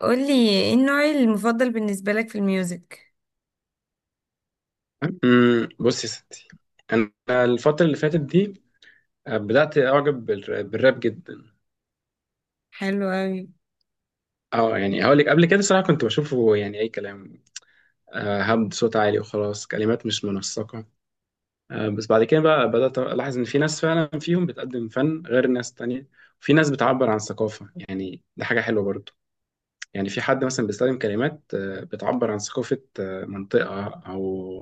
قولي ايه النوع المفضل بالنسبة لك في الميوزك؟ بصي يا ستي، انا الفتره اللي فاتت دي بدات اعجب بالراب جدا. حلو اوي. اه، يعني هقول لك قبل كده صراحه، كنت بشوفه يعني اي كلام، هبد صوت عالي وخلاص، كلمات مش منسقه. بس بعد كده بقى بدات الاحظ ان في ناس فعلا فيهم بتقدم فن غير ناس تانية. في ناس بتعبر عن ثقافه، يعني ده حاجه حلوه برضو. يعني في حد مثلا بيستخدم كلمات بتعبر عن ثقافه، منطقه او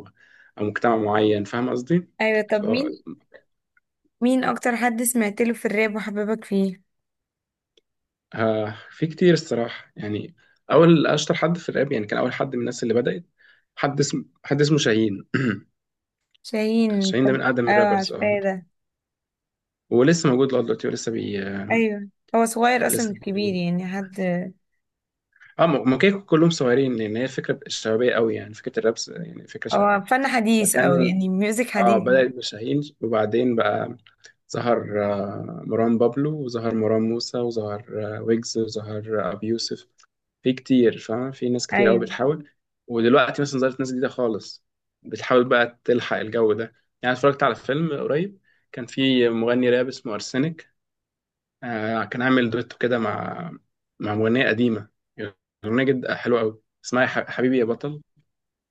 او مجتمع معين، فاهم قصدي؟ ايوه، طب مين اكتر حد سمعت له في الراب وحببك فيه؟ في كتير الصراحة يعني. أول أشطر حد في الراب يعني، كان أول حد من الناس اللي بدأت. حد اسمه شاهين. شاهين. شاهين ده من أقدم اه، الرابرز، اه. عارفاه ده. ولسه موجود لغاية دلوقتي، ولسه بي آه، ايوه، هو صغير اصلا، لسه مش كبير بيعمل. يعني حد. اه ما كانوا كلهم صغيرين، لأن هي فكرة شبابية قوي، يعني فكرة هو شبابية. فن حديث او فكان، يعني ميوزك اه حديث. بدأت بشاهين وبعدين بقى ظهر مروان بابلو، وظهر مروان موسى، وظهر ويجز، وظهر أبي يوسف. في كتير فاهم، في ناس كتير قوي ايوه. بتحاول. ودلوقتي مثلا ظهرت ناس جديدة خالص، بتحاول بقى تلحق الجو ده. يعني اتفرجت على فيلم قريب، كان في مغني راب اسمه أرسنك، كان عامل دويتو كده مع مع مغنية قديمة. أغنية جد حلوة قوي، اسمها يا حبيبي يا بطل،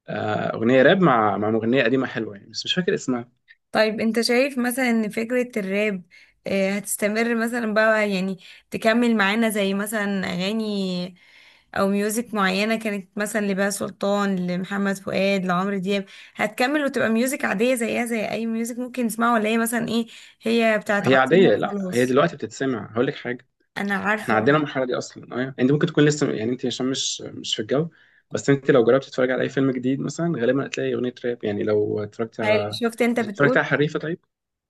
أغنية راب مع مغنية قديمة حلوة يعني، بس مش فاكر اسمها. طيب، انت شايف مثلا ان فكرة الراب هتستمر مثلا بقى، يعني تكمل معانا زي مثلا اغاني او ميوزك معينة كانت مثلا لبهاء سلطان، لمحمد فؤاد، لعمرو دياب؟ هتكمل وتبقى ميوزك عادية زيها زي اي ميوزك ممكن نسمعه، ولا هي مثلا ايه، هي بتاعت هي عصرنا عادية، لا، هي وخلاص؟ دلوقتي بتتسمع، هقول لك حاجة. انا احنا عارفة. عدينا المرحلة دي اصلا، انت ممكن تكون لسه يعني، انت عشان مش في الجو. بس انت لو جربت تتفرج على اي فيلم جديد مثلا، غالبا هتلاقي اغنية راب، يعني لو هل شفت؟ انت اتفرجت بتقول. على حريفة طيب.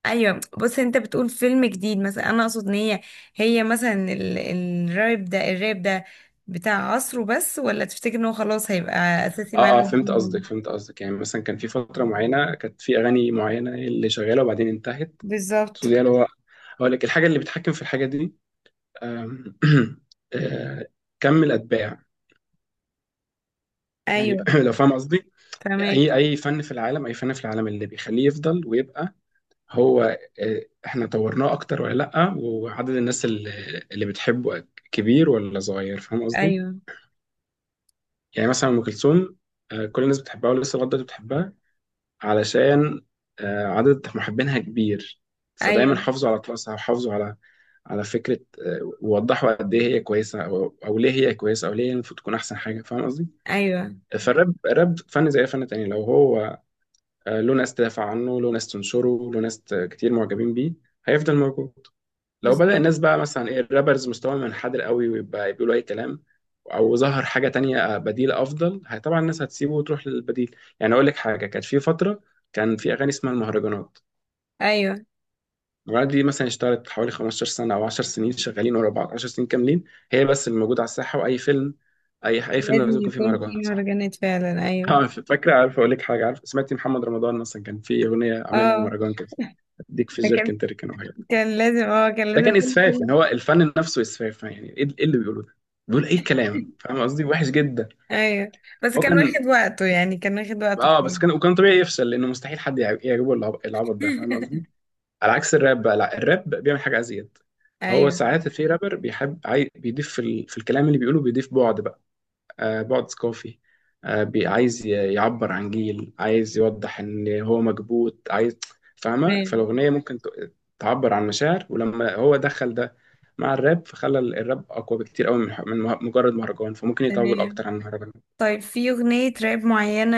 ايوه، بص، انت بتقول فيلم جديد مثلا. انا اقصد ان هي، هي مثلا الراب ده بتاع عصره بس، ولا تفتكر ان هو خلاص هيبقى اساسي اه، اه، معانا زمان؟ فهمت قصدك، يعني مثلا كان في فترة معينة، كانت في اغاني معينة اللي شغالة وبعدين انتهت. So بالظبط. دي اللي هو، هقول لك الحاجة اللي بتحكم في الحاجة دي. آم، آه، كم الاتباع، يعني، ايوه. لو فاهم قصدي. فهمك. اي فن في العالم، اللي بيخليه يفضل ويبقى هو احنا طورناه اكتر ولا لا، وعدد الناس اللي بتحبه كبير ولا صغير، فاهم قصدي؟ ايوه، يعني مثلا ام كلثوم، كل الناس بتحبها ولسه لغايه دلوقتي بتحبها، علشان عدد محبينها كبير. فدايما ايوه، حافظوا على طقسها وحافظوا على، على فكره ووضحوا قد ايه هي كويسه، او ليه هي كويسه، او ليه هي المفروض تكون احسن حاجه، فاهم قصدي. ايوه. فالراب راب فن زي أي فن تاني، لو هو له ناس تدافع عنه، له ناس تنشره، له ناس كتير معجبين بيه، هيفضل موجود. لو بدأ بالظبط. الناس بقى مثلا ايه، الرابرز مستواهم منحدر قوي ويبقى بيقولوا اي كلام، او ظهر حاجه تانية بديله افضل، هي طبعا الناس هتسيبه وتروح للبديل. يعني اقول لك حاجه، كانت في فتره كان في اغاني اسمها المهرجانات. ايوه، المهرجانات دي مثلا اشتغلت حوالي 15 سنه، او 10 سنين شغالين ورا بعض، 10 سنين كاملين هي بس اللي موجوده على الساحه، واي فيلم، اي فيلم لازم لازم يكون فيه يكون مهرجان، في صح؟ مهرجانات فعلا، ايوه. فاكره، عارف، اقول لك حاجه، عارف، سمعتي محمد رمضان مثلا كان في اغنيه عاملها اه، مهرجان كده؟ اديك في فكان، الجيركن تركن. كان لازم اه كان ده لازم كان يكون اسفاف، يعني فيلم. هو الفن نفسه اسفاف، يعني إيه اللي بيقوله ده؟ بيقول اي كلام، فاهم قصدي، وحش جدا. ايوه، بس هو كان كان، واخد وقته، يعني كان واخد وقته اه بصراحه. بس كان، وكان طبيعي يفشل، لانه مستحيل حد يعجبه العبط ده، فاهم قصدي. على عكس الراب بقى، لا، الراب بيعمل حاجه ازيد. هو ايوه. ساعات في رابر بيحب بيضيف في الكلام اللي بيقوله، بيضيف بعد بقى، بعد ثقافي، عايز يعبر عن جيل، عايز يوضح ان هو مكبوت، عايز، فاهمه، تمام. فالاغنيه ممكن تعبر عن مشاعر. ولما هو دخل ده مع الراب، فخلى الراب اقوى بكتير قوي من مجرد مهرجان، فممكن يطول تمام. اكتر عن المهرجان. طيب، في أغنية راب معينة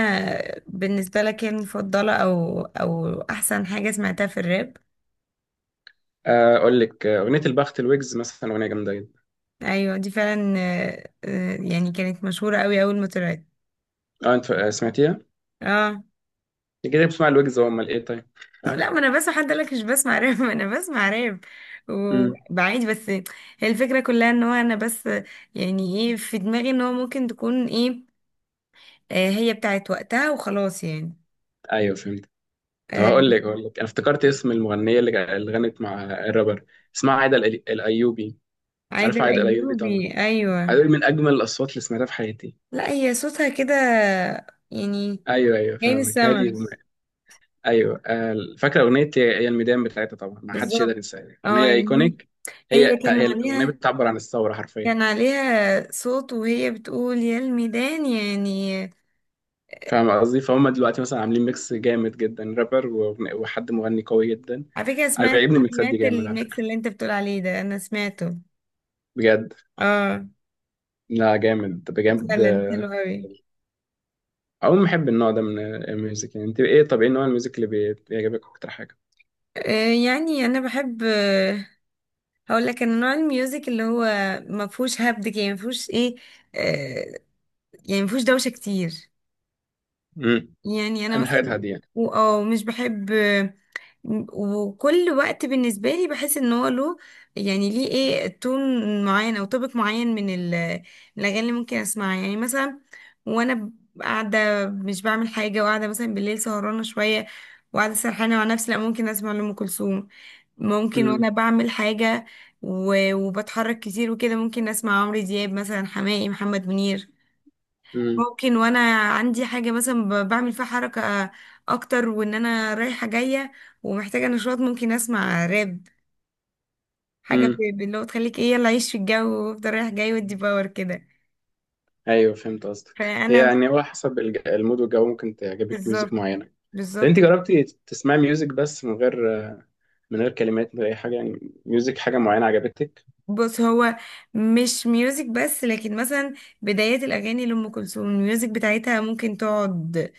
بالنسبة لك يعني مفضلة أو أحسن حاجة سمعتها في الراب؟ اقول لك اغنيه البخت الويجز مثلا، اغنيه جامده جدا. أيوة، دي فعلا يعني كانت مشهورة أوي أول ما طلعت. اه انت سمعتيها؟ اه. انت كده بتسمع الويجز، هو امال ايه؟ طيب. أو لا، ما أنا بس حد قالك مش بسمع راب. ما أنا بسمع راب امم وبعيد. بس هي الفكرة كلها إن هو، أنا بس يعني إيه في دماغي إن هو ممكن تكون إيه، هي بتاعت وقتها وخلاص يعني. ايوه، فهمت. طب، آه، هقول لك انا افتكرت اسم المغنيه اللي غنت مع الرابر. اسمها عايده الايوبي، عارفه عادل عايده الايوبي طبعا، أيوبي. أيوة. هدول من اجمل الاصوات اللي سمعتها في حياتي. لا، هي صوتها كده يعني ايوه، ايوه، جاي من فاهمك، هادي. السما. ايوه، فاكره اغنيه يا الميدان بتاعتها، طبعا ما حدش يقدر بالظبط. ينساها، اه، اغنيه يعني ايكونيك. هي هي كان هي الاغنيه عليها بتعبر عن الثوره حرفيا، كان عليها صوت وهي بتقول يا الميدان يعني. فاهم قصدي، فهم. دلوقتي مثلا عاملين ميكس جامد جدا، رابر وحد مغني قوي جدا. على فكرة، انا سمعت بيعجبني الميكسات دي سمعت جامد على الميكس فكره، اللي انت بتقول عليه ده، انا سمعته. بجد. اه. لا جامد بجد. فعلا حلو قوي. عموما بحب النوع ده من الميوزك. يعني انت ايه؟ طب ايه نوع الميوزك اللي بيعجبك اكتر حاجه؟ يعني انا بحب. هقول لك ان نوع الميوزك اللي هو ما فيهوش هبد كده، يعني ما فيهوش ايه، آه يعني ما فيهوش دوشة كتير. امم يعني انا اهم مثلا حاجات هاديه يعني. مش بحب. وكل وقت بالنسبة لي بحس ان هو له، يعني ليه ايه تون معين او توبيك معين من الاغاني اللي ممكن اسمعها. يعني مثلا وانا قاعدة مش بعمل حاجة، وقاعدة مثلا بالليل سهرانة شوية، وقاعدة سرحانة مع نفسي، لا، ممكن اسمع لأم كلثوم. ممكن امم وانا بعمل حاجة وبتحرك كتير وكده ممكن اسمع عمرو دياب مثلا، حماقي، محمد منير. ممكن وانا عندي حاجة مثلا بعمل فيها حركة اكتر، وان انا رايحة جاية ومحتاجة نشاط، ممكن اسمع راب. حاجة امم اللي هو تخليك ايه يلا عيش في الجو وافضل رايح جاي، ودي باور كده. ايوه، فهمت قصدك، هي فانا يعني هو حسب المود والجو، ممكن تعجبك ميوزك بالظبط. معينه. طب بالظبط. انت جربتي تسمعي ميوزك بس من غير، من غير كلمات، من غير اي حاجه، يعني ميوزك حاجه معينه عجبتك؟ بص، هو مش ميوزك بس، لكن مثلا بدايات الاغاني لام كلثوم الميوزك بتاعتها ممكن تقعد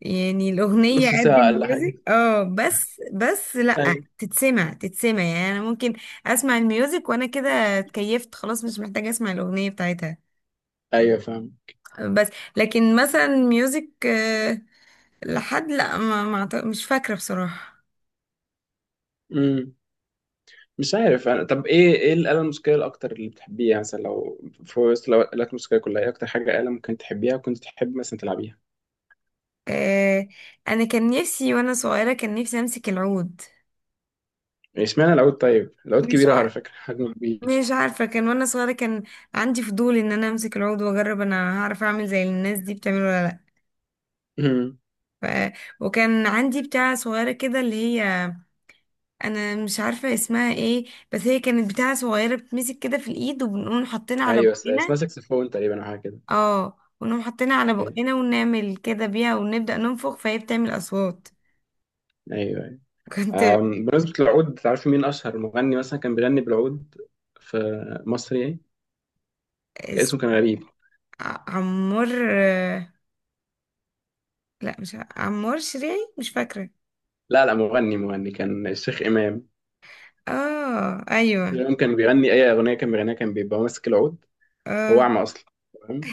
يعني. الأغنية نص قد ساعه اقل حاجه. الميوزك، اه، بس لأ، ايوه، تتسمع يعني. أنا ممكن أسمع الميوزك وأنا كده اتكيفت خلاص، مش محتاجة أسمع الأغنية بتاعتها. ايوه، فاهم. بس لكن مثلا ميوزك لحد لأ، ما مش فاكرة بصراحة. امم مش عارف انا. طب ايه، ايه الاله الموسيقيه الاكتر اللي بتحبيها؟ يعني مثلا لو في وسط الالات الموسيقيه كلها، ايه اكتر حاجه اله ممكن تحبيها وكنت تحب مثلا تلعبيها؟ آه، أنا كان نفسي وأنا صغيرة، كان نفسي أمسك العود. اشمعنى العود؟ طيب، العود مش كبيره على عارفة. فكره، حجمه كبير. مش عارفة، كان وأنا صغيرة كان عندي فضول إن أنا أمسك العود وأجرب، أنا هعرف أعمل زي الناس دي بتعمل ولا لأ. امم ف... وكان عندي بتاعة صغيرة كده اللي هي، أنا مش عارفة اسمها ايه، بس هي كانت بتاعة صغيرة بتمسك كده في الإيد وبنقوم حاطينها على ايوه، بقنا. اسمها ساكسفون تقريبا، او حاجه كده. اه، ونقوم حاطينها على ايوه، بقنا ونعمل كده بيها ونبدأ ننفخ فهي بتعمل أصوات. ايوه. كنت بمناسبة العود، تعرف مين أشهر مغني مثلا كان بيغني بالعود في مصر يعني؟ اس... كان غريب. عمار. لا، مش عمار شريعي. مش فاكرة. لا، لا، مغني كان الشيخ إمام. اه، الشيخ ايوه. إمام كان بيغني أي أغنية، كان بيغنيها كان بيبقى ماسك العود، هو اه. أعمى أصلا. تمام.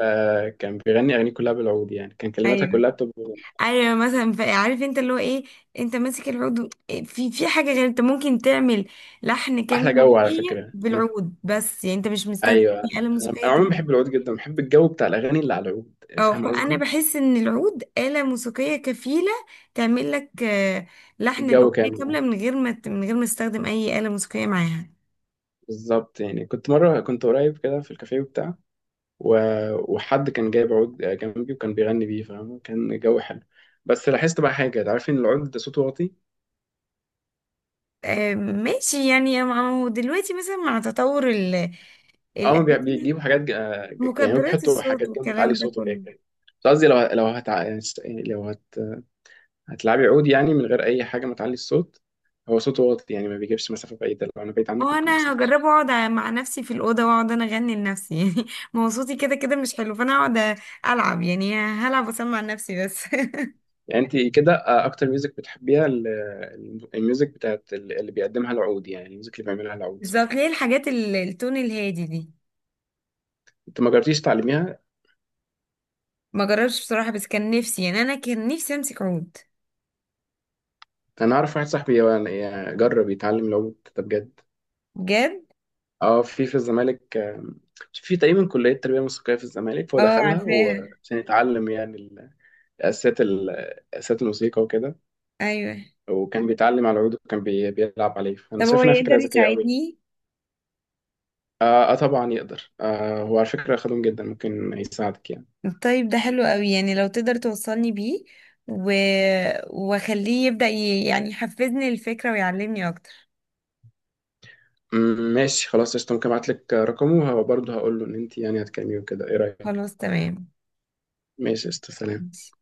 كان بيغني أغانيه كلها بالعود، يعني كان كلماتها ايوه، كلها بتبقى ايوه، مثلا عارف انت اللي هو ايه، انت ماسك العود في حاجه غير انت ممكن تعمل لحن كامل أحلى جو. على للأغنية فكرة أنا، بالعود بس، يعني انت مش مستخدم أيوه، اي آلة موسيقية أنا عموما تانية. بحب العود جدا، بحب الجو بتاع الأغاني اللي على العود، اه، فاهم فانا قصدي، بحس ان العود آلة موسيقية كفيلة تعمل لك لحن الجو الأغنية كاملة كامل من غير ما تستخدم اي آلة موسيقية معاها. بالظبط. يعني كنت قريب كده في الكافيه وبتاع، وحد كان جايب عود جنبي وكان بيغني بيه، فاهم، كان الجو حلو. بس لاحظت بقى حاجة، عارفين ان العود ده صوته واطي. ماشي. يعني ما هو دلوقتي مثلا مع تطور اه الآلات، بيجيبوا حاجات يعني هو مكبرات بيحطوا الصوت حاجات جنبه تعلي والكلام ده صوته كده كله. كده. بس قصدي، لو لو هت... هتلعبي عود يعني من غير أي حاجة ما تعلي الصوت، هو صوته واطي، يعني ما بيجيبش مسافة بعيدة، لو أنا بعيد هو عنك ممكن ما انا اسمعش. هجربه، اقعد مع نفسي في الاوضه واقعد انا اغني لنفسي. يعني ما هو صوتي كده كده مش حلو، فانا اقعد العب يعني، هلعب واسمع لنفسي بس. يعني أنت كده أكتر ميوزك بتحبيها الميوزك بتاعت اللي بيقدمها العود، يعني الميوزك اللي بيعملها العود، صح؟ بالظبط ليه، الحاجات التون الهادي دي. أنت ما جربتيش تعلميها؟ ما جربتش بصراحه، بس كان نفسي، يعني انا كان نفسي امسك عود. انا اعرف واحد صاحبي يعني جرب يتعلم العود ده بجد. بجد. اه في الزمالك، في تقريبا كليه تربيه موسيقيه في الزمالك، فهو اه، دخلها عارفاها. عشان يتعلم يعني اساسيات ال- اساسيات الموسيقى وكده، ايوه. وكان بيتعلم على العود وكان بيلعب عليه، فانا طب هو شايف انها فكره يقدر ذكيه قوي. يساعدني؟ طبعا يقدر، هو على فكره خدوم جدا، ممكن يساعدك يعني. طيب ده حلو قوي يعني، لو تقدر توصلني بيه و... واخليه يبدأ يعني يحفزني الفكره ويعلمني اكتر. ماشي، خلاص، قشطه، ممكن ابعت لك رقمه وبرضه هقول له ان انت يعني هتكلميه وكده، ايه رايك؟ خلاص، تمام. ماشي، قشطه، سلام. ماشي.